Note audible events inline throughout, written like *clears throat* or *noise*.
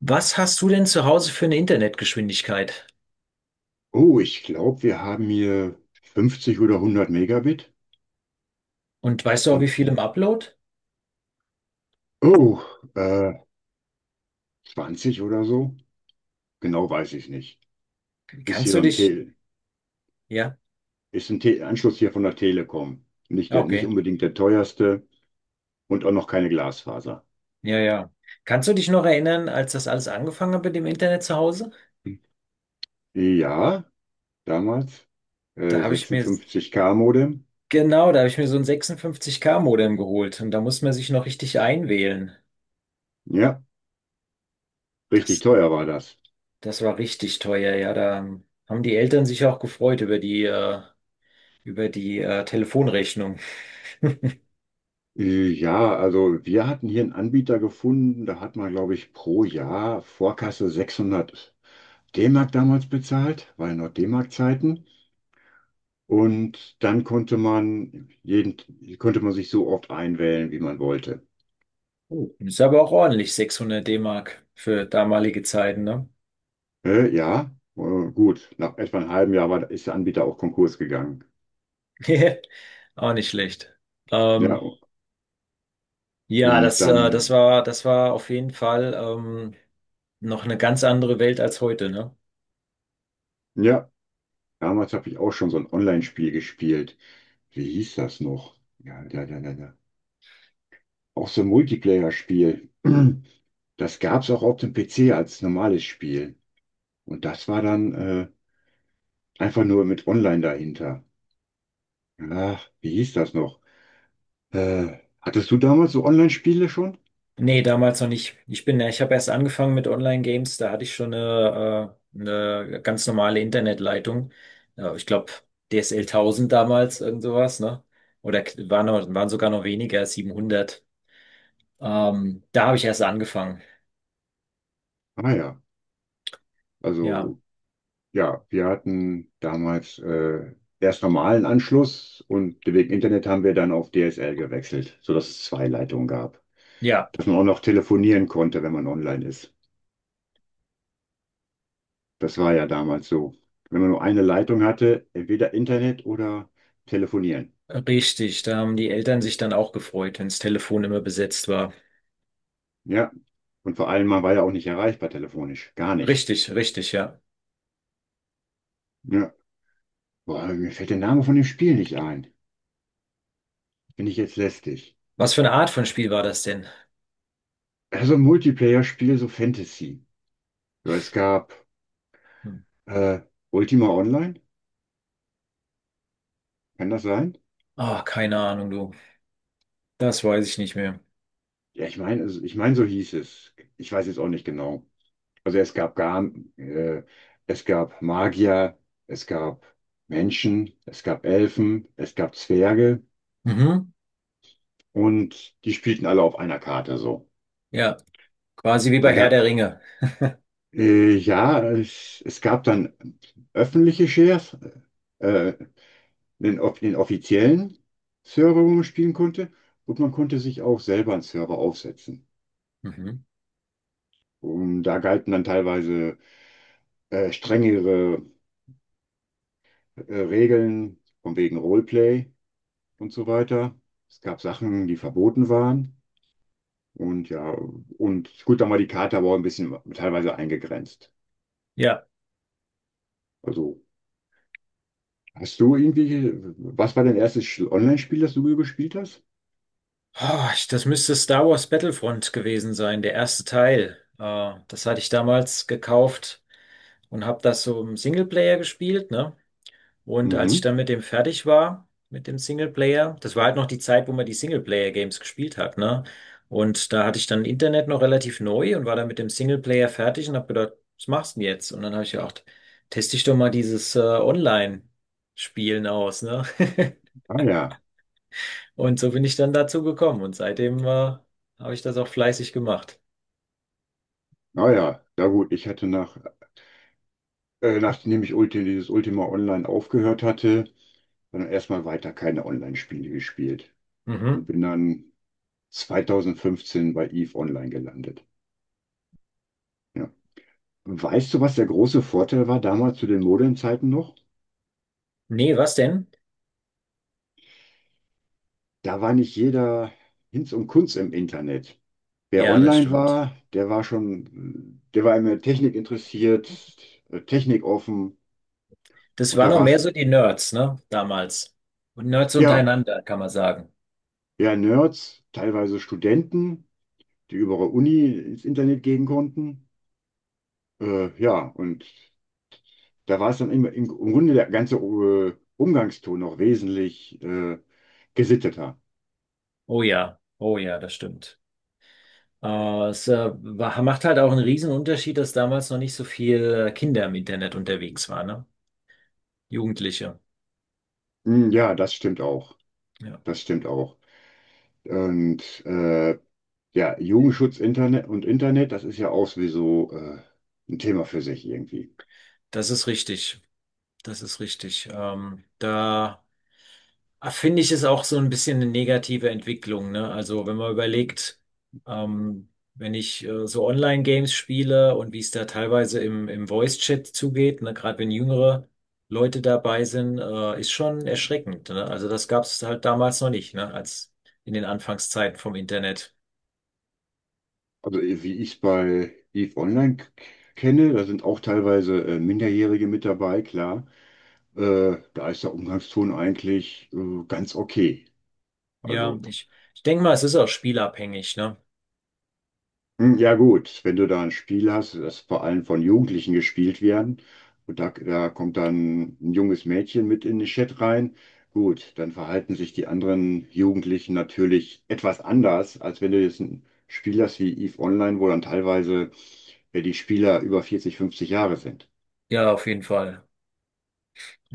Was hast du denn zu Hause für eine Internetgeschwindigkeit? Oh, ich glaube, wir haben hier 50 oder 100 Megabit Und weißt du auch, wie und viel im Upload? oh, äh, 20 oder so. Genau weiß ich nicht. Ist hier Kannst so du ein dich, Tel, ja, ist ein Te Anschluss hier von der Telekom. Nicht ah, der, nicht okay, unbedingt der teuerste und auch noch keine Glasfaser. ja, ja. Kannst du dich noch erinnern, als das alles angefangen hat mit dem Internet zu Hause? Ja, damals Da habe ich mir, 56K Modem. Genau, da habe ich mir so ein 56K-Modem geholt und da muss man sich noch richtig einwählen. Ja, richtig Das, teuer war das. das war richtig teuer, ja. Da haben die Eltern sich auch gefreut über die, Telefonrechnung. *laughs* Ja, also wir hatten hier einen Anbieter gefunden, da hat man, glaube ich, pro Jahr Vorkasse 600 D-Mark damals bezahlt, war ja noch D-Mark-Zeiten. Und dann konnte man sich so oft einwählen, wie man wollte. Oh, ist aber auch ordentlich, 600 D-Mark für damalige Zeiten, ne? Ja, gut. Nach etwa einem halben Jahr ist der Anbieter auch Konkurs gegangen. *laughs* Auch nicht schlecht. Ja, Ähm, ja, und das, äh, das dann, war, das war auf jeden Fall noch eine ganz andere Welt als heute, ne? ja, damals habe ich auch schon so ein Online-Spiel gespielt. Wie hieß das noch? Ja, ja, ja, ja, ja. Auch so ein Multiplayer-Spiel. *clears throat* Das gab es auch auf dem PC als normales Spiel. Und das war dann einfach nur mit Online dahinter. Ach, wie hieß das noch? Hattest du damals so Online-Spiele schon? Nee, damals noch nicht. Ich habe erst angefangen mit Online-Games, da hatte ich schon eine ganz normale Internetleitung. Ja, ich glaube, DSL 1000 damals, irgend sowas, ne? Oder waren sogar noch weniger, 700. Da habe ich erst angefangen. Ah ja, Ja, also ja, wir hatten damals erst normalen Anschluss und wegen Internet haben wir dann auf DSL gewechselt, sodass es zwei Leitungen gab. ja, Dass man auch noch telefonieren konnte, wenn man online ist. Das war ja damals so. Wenn man nur eine Leitung hatte, entweder Internet oder telefonieren. richtig. Da haben die Eltern sich dann auch gefreut, wenns Telefon immer besetzt war. Ja, und vor allem, man war ja auch nicht erreichbar telefonisch. Gar nicht. Richtig, richtig, ja. Ja, boah, mir fällt der Name von dem Spiel nicht ein. Bin ich jetzt lästig. Was für eine Art von Spiel war das denn? Also ein Multiplayer-Spiel, so Fantasy. So, es gab Hm. äh, Ultima Online, kann das sein? Ah, keine Ahnung, du. Das weiß ich nicht mehr. Ja, ich meine, also, ich meine, so hieß es. Ich weiß jetzt auch nicht genau. Also äh, es gab Magier, es gab Menschen, es gab Elfen, es gab Zwerge Mhm. und die spielten alle auf einer Karte so. Ja, quasi wie bei Da Herr ga, der Ringe. Ja, es gab dann öffentliche Shares. Äh, einen offiziellen Server, wo man spielen konnte, und man konnte sich auch selber einen Server aufsetzen. Mhm. Und da galten dann teilweise strengere Regeln von wegen Roleplay und so weiter. Es gab Sachen, die verboten waren. Und ja, und gut, dann war die Karte aber auch ein bisschen teilweise eingegrenzt. Ja. Also, hast du irgendwie, was war dein erstes Online-Spiel, das du gespielt hast? Oh, das müsste Star Wars Battlefront gewesen sein, der erste Teil. Das hatte ich damals gekauft und habe das so im Singleplayer gespielt, ne? Und als ich Mhm. dann mit dem fertig war, mit dem Singleplayer, das war halt noch die Zeit, wo man die Singleplayer-Games gespielt hat, ne? Und da hatte ich dann Internet noch relativ neu und war dann mit dem Singleplayer fertig und habe gedacht, was machst du denn jetzt? Und dann habe ich gedacht, teste ich doch mal dieses Online-Spielen aus, ne? *laughs* Ah ja, Und so bin ich dann dazu gekommen und seitdem habe ich das auch fleißig gemacht. ah ja, ja gut, nachdem ich dieses Ultima Online aufgehört hatte, dann erstmal weiter keine Online-Spiele gespielt und Mhm. bin dann 2015 bei EVE Online gelandet. Ja. Weißt du, was der große Vorteil war damals zu den Modemzeiten noch? Nee, was denn? Da war nicht jeder Hinz und Kunz im Internet. Wer Ja, das online stimmt. war, der war immer Technik interessiert, Technik offen Das und waren da noch war mehr es, so die Nerds, ne? Damals. Und Nerds ja, untereinander, kann man sagen. eher Nerds, teilweise Studenten, die über ihre Uni ins Internet gehen konnten. Ja, und da war es dann immer im Grunde der ganze Umgangston noch wesentlich gesitteter. Oh ja, oh ja, das stimmt. Macht halt auch einen riesen Unterschied, dass damals noch nicht so viel Kinder im Internet unterwegs waren, ne? Jugendliche. Hm, ja, das stimmt auch. Ja, Das stimmt auch. Und ja, Jugendschutz Internet und Internet, das ist ja auch sowieso ein Thema für sich irgendwie. das ist richtig. Das ist richtig. Da. Ah, finde ich, ist auch so ein bisschen eine negative Entwicklung, ne? Also wenn man überlegt, ähm, wenn ich so Online-Games spiele und wie es da teilweise im Voice-Chat zugeht, ne? Gerade wenn jüngere Leute dabei sind, ist schon erschreckend, ne? Also das gab es halt damals noch nicht, ne? Als in den Anfangszeiten vom Internet. Also wie ich es bei EVE Online kenne, da sind auch teilweise Minderjährige mit dabei, klar. Da ist der Umgangston eigentlich ganz okay. Ja, Also. ich denke mal, es ist auch spielabhängig, ne? Hm, ja gut, wenn du da ein Spiel hast, das vor allem von Jugendlichen gespielt werden, und da kommt dann ein junges Mädchen mit in den Chat rein, gut, dann verhalten sich die anderen Jugendlichen natürlich etwas anders, als wenn du jetzt ein Spiel hast wie EVE Online, wo dann teilweise die Spieler über 40, 50 Jahre sind. Ja, auf jeden Fall.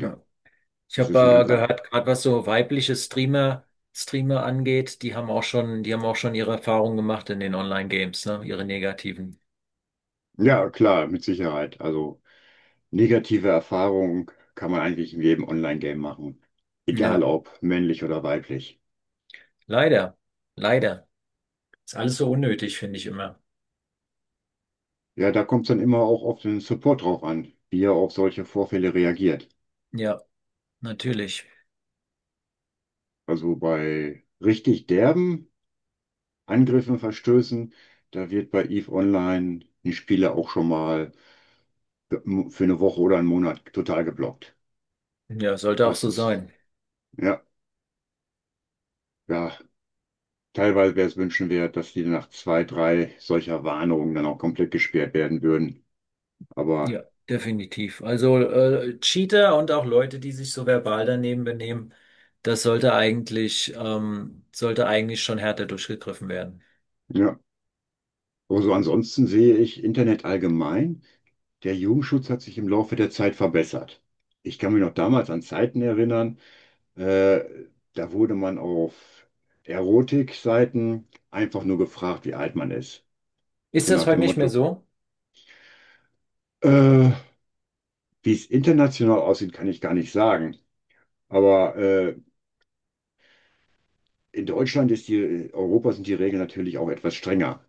Ja, Ich es ist ein habe ganz anderes. gehört, gerade was so weibliche Streamer angeht, die haben auch schon ihre Erfahrungen gemacht in den Online-Games, ne? Ihre negativen. Ja, klar, mit Sicherheit. Also negative Erfahrungen kann man eigentlich in jedem Online-Game machen, egal Ja, ob männlich oder weiblich. leider. Leider. Ist alles so unnötig, finde ich immer. Ja, da kommt es dann immer auch auf den Support drauf an, wie er auf solche Vorfälle reagiert. Ja, natürlich. Also bei richtig derben Angriffen, Verstößen, da wird bei EVE Online ein Spieler auch schon mal für eine Woche oder einen Monat total geblockt. Ja, sollte auch Das so ist, sein. ja, ja, teilweise wäre es wünschenswert, dass die nach zwei, drei solcher Warnungen dann auch komplett gesperrt werden würden. Ja, Aber definitiv. Also Cheater und auch Leute, die sich so verbal daneben benehmen, das sollte eigentlich schon härter durchgegriffen werden. ja, also ansonsten sehe ich Internet allgemein. Der Jugendschutz hat sich im Laufe der Zeit verbessert. Ich kann mich noch damals an Zeiten erinnern, äh, da wurde man auf Erotikseiten einfach nur gefragt, wie alt man ist. Ist So das nach heute dem nicht mehr Motto, so? äh, wie es international aussieht, kann ich gar nicht sagen. Aber in Deutschland ist die, in Europa sind die Regeln natürlich auch etwas strenger.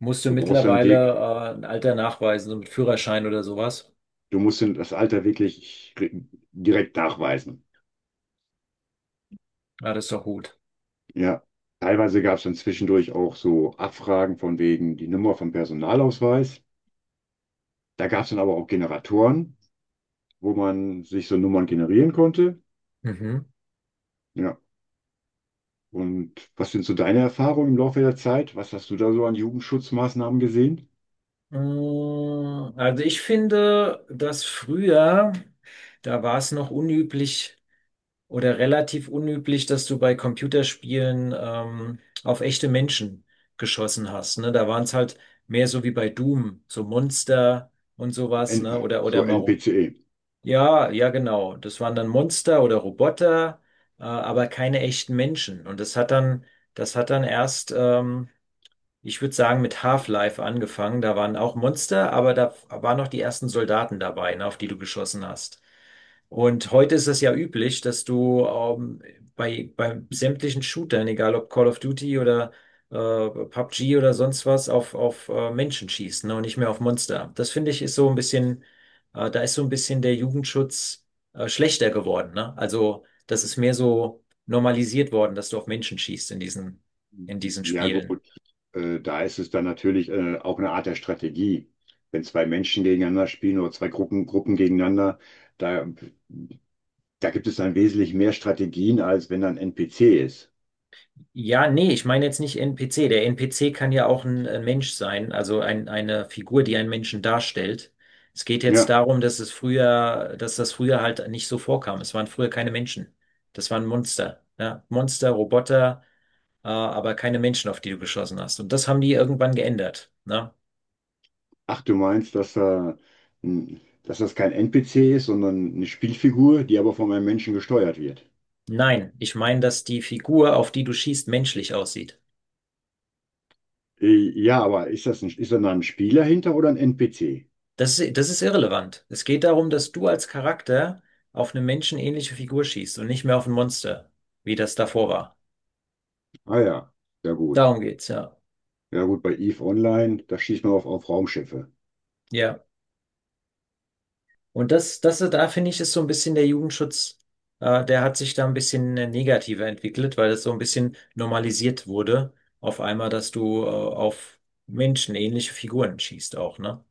Musst du Du brauchst dann mittlerweile wirklich, ein Alter nachweisen, so mit Führerschein oder sowas? du musst dann das Alter wirklich direkt nachweisen. Ah, das ist doch gut. Ja, teilweise gab es dann zwischendurch auch so Abfragen von wegen die Nummer vom Personalausweis. Da gab es dann aber auch Generatoren, wo man sich so Nummern generieren konnte. Mhm. Ja, und was sind so deine Erfahrungen im Laufe der Zeit? Was hast du da so an Jugendschutzmaßnahmen gesehen? Mm, Also ich finde, dass früher, da war es noch unüblich oder relativ unüblich, dass du bei Computerspielen auf echte Menschen geschossen hast. Ne? Da waren es halt mehr so wie bei Doom, so Monster und sowas, N ne? Oder so Maro. NPCE. Ja, ja, genau. Das waren dann Monster oder Roboter, aber keine echten Menschen. Und das hat dann erst ich würde sagen, mit Half-Life angefangen. Da waren auch Monster, aber da waren noch die ersten Soldaten dabei, ne, auf die du geschossen hast. Und heute ist es ja üblich, dass du bei sämtlichen Shootern, egal ob Call of Duty oder PUBG oder sonst was, auf Menschen schießt, ne, und nicht mehr auf Monster. Das finde ich ist so ein bisschen, da ist so ein bisschen der Jugendschutz schlechter geworden, ne? Also, das ist mehr so normalisiert worden, dass du auf Menschen schießt in diesen Ja Spielen. gut, da ist es dann natürlich auch eine Art der Strategie. Wenn zwei Menschen gegeneinander spielen oder zwei Gruppen gegeneinander, da, da gibt es dann wesentlich mehr Strategien, als wenn da ein NPC ist. Ja, nee, ich meine jetzt nicht NPC. Der NPC kann ja auch ein Mensch sein, also eine Figur, die einen Menschen darstellt. Es geht jetzt Ja, darum, dass das früher halt nicht so vorkam. Es waren früher keine Menschen. Das waren Monster. Ja? Monster, Roboter, aber keine Menschen, auf die du geschossen hast. Und das haben die irgendwann geändert. Ne? ach, du meinst, dass das kein NPC ist, sondern eine Spielfigur, die aber von einem Menschen gesteuert wird. Nein, ich meine, dass die Figur, auf die du schießt, menschlich aussieht. Ja, aber ist da ein Spieler hinter oder ein NPC? Das ist irrelevant. Es geht darum, dass du als Charakter auf eine menschenähnliche Figur schießt und nicht mehr auf ein Monster, wie das davor war. Ah ja, ja gut. Darum geht's, ja. Ja gut, bei EVE Online, da schießt man auf Raumschiffe. Ja. Und da finde ich, ist so ein bisschen der Jugendschutz, der hat sich da ein bisschen negativer entwickelt, weil das so ein bisschen normalisiert wurde, auf einmal, dass du, auf menschenähnliche Figuren schießt auch, ne?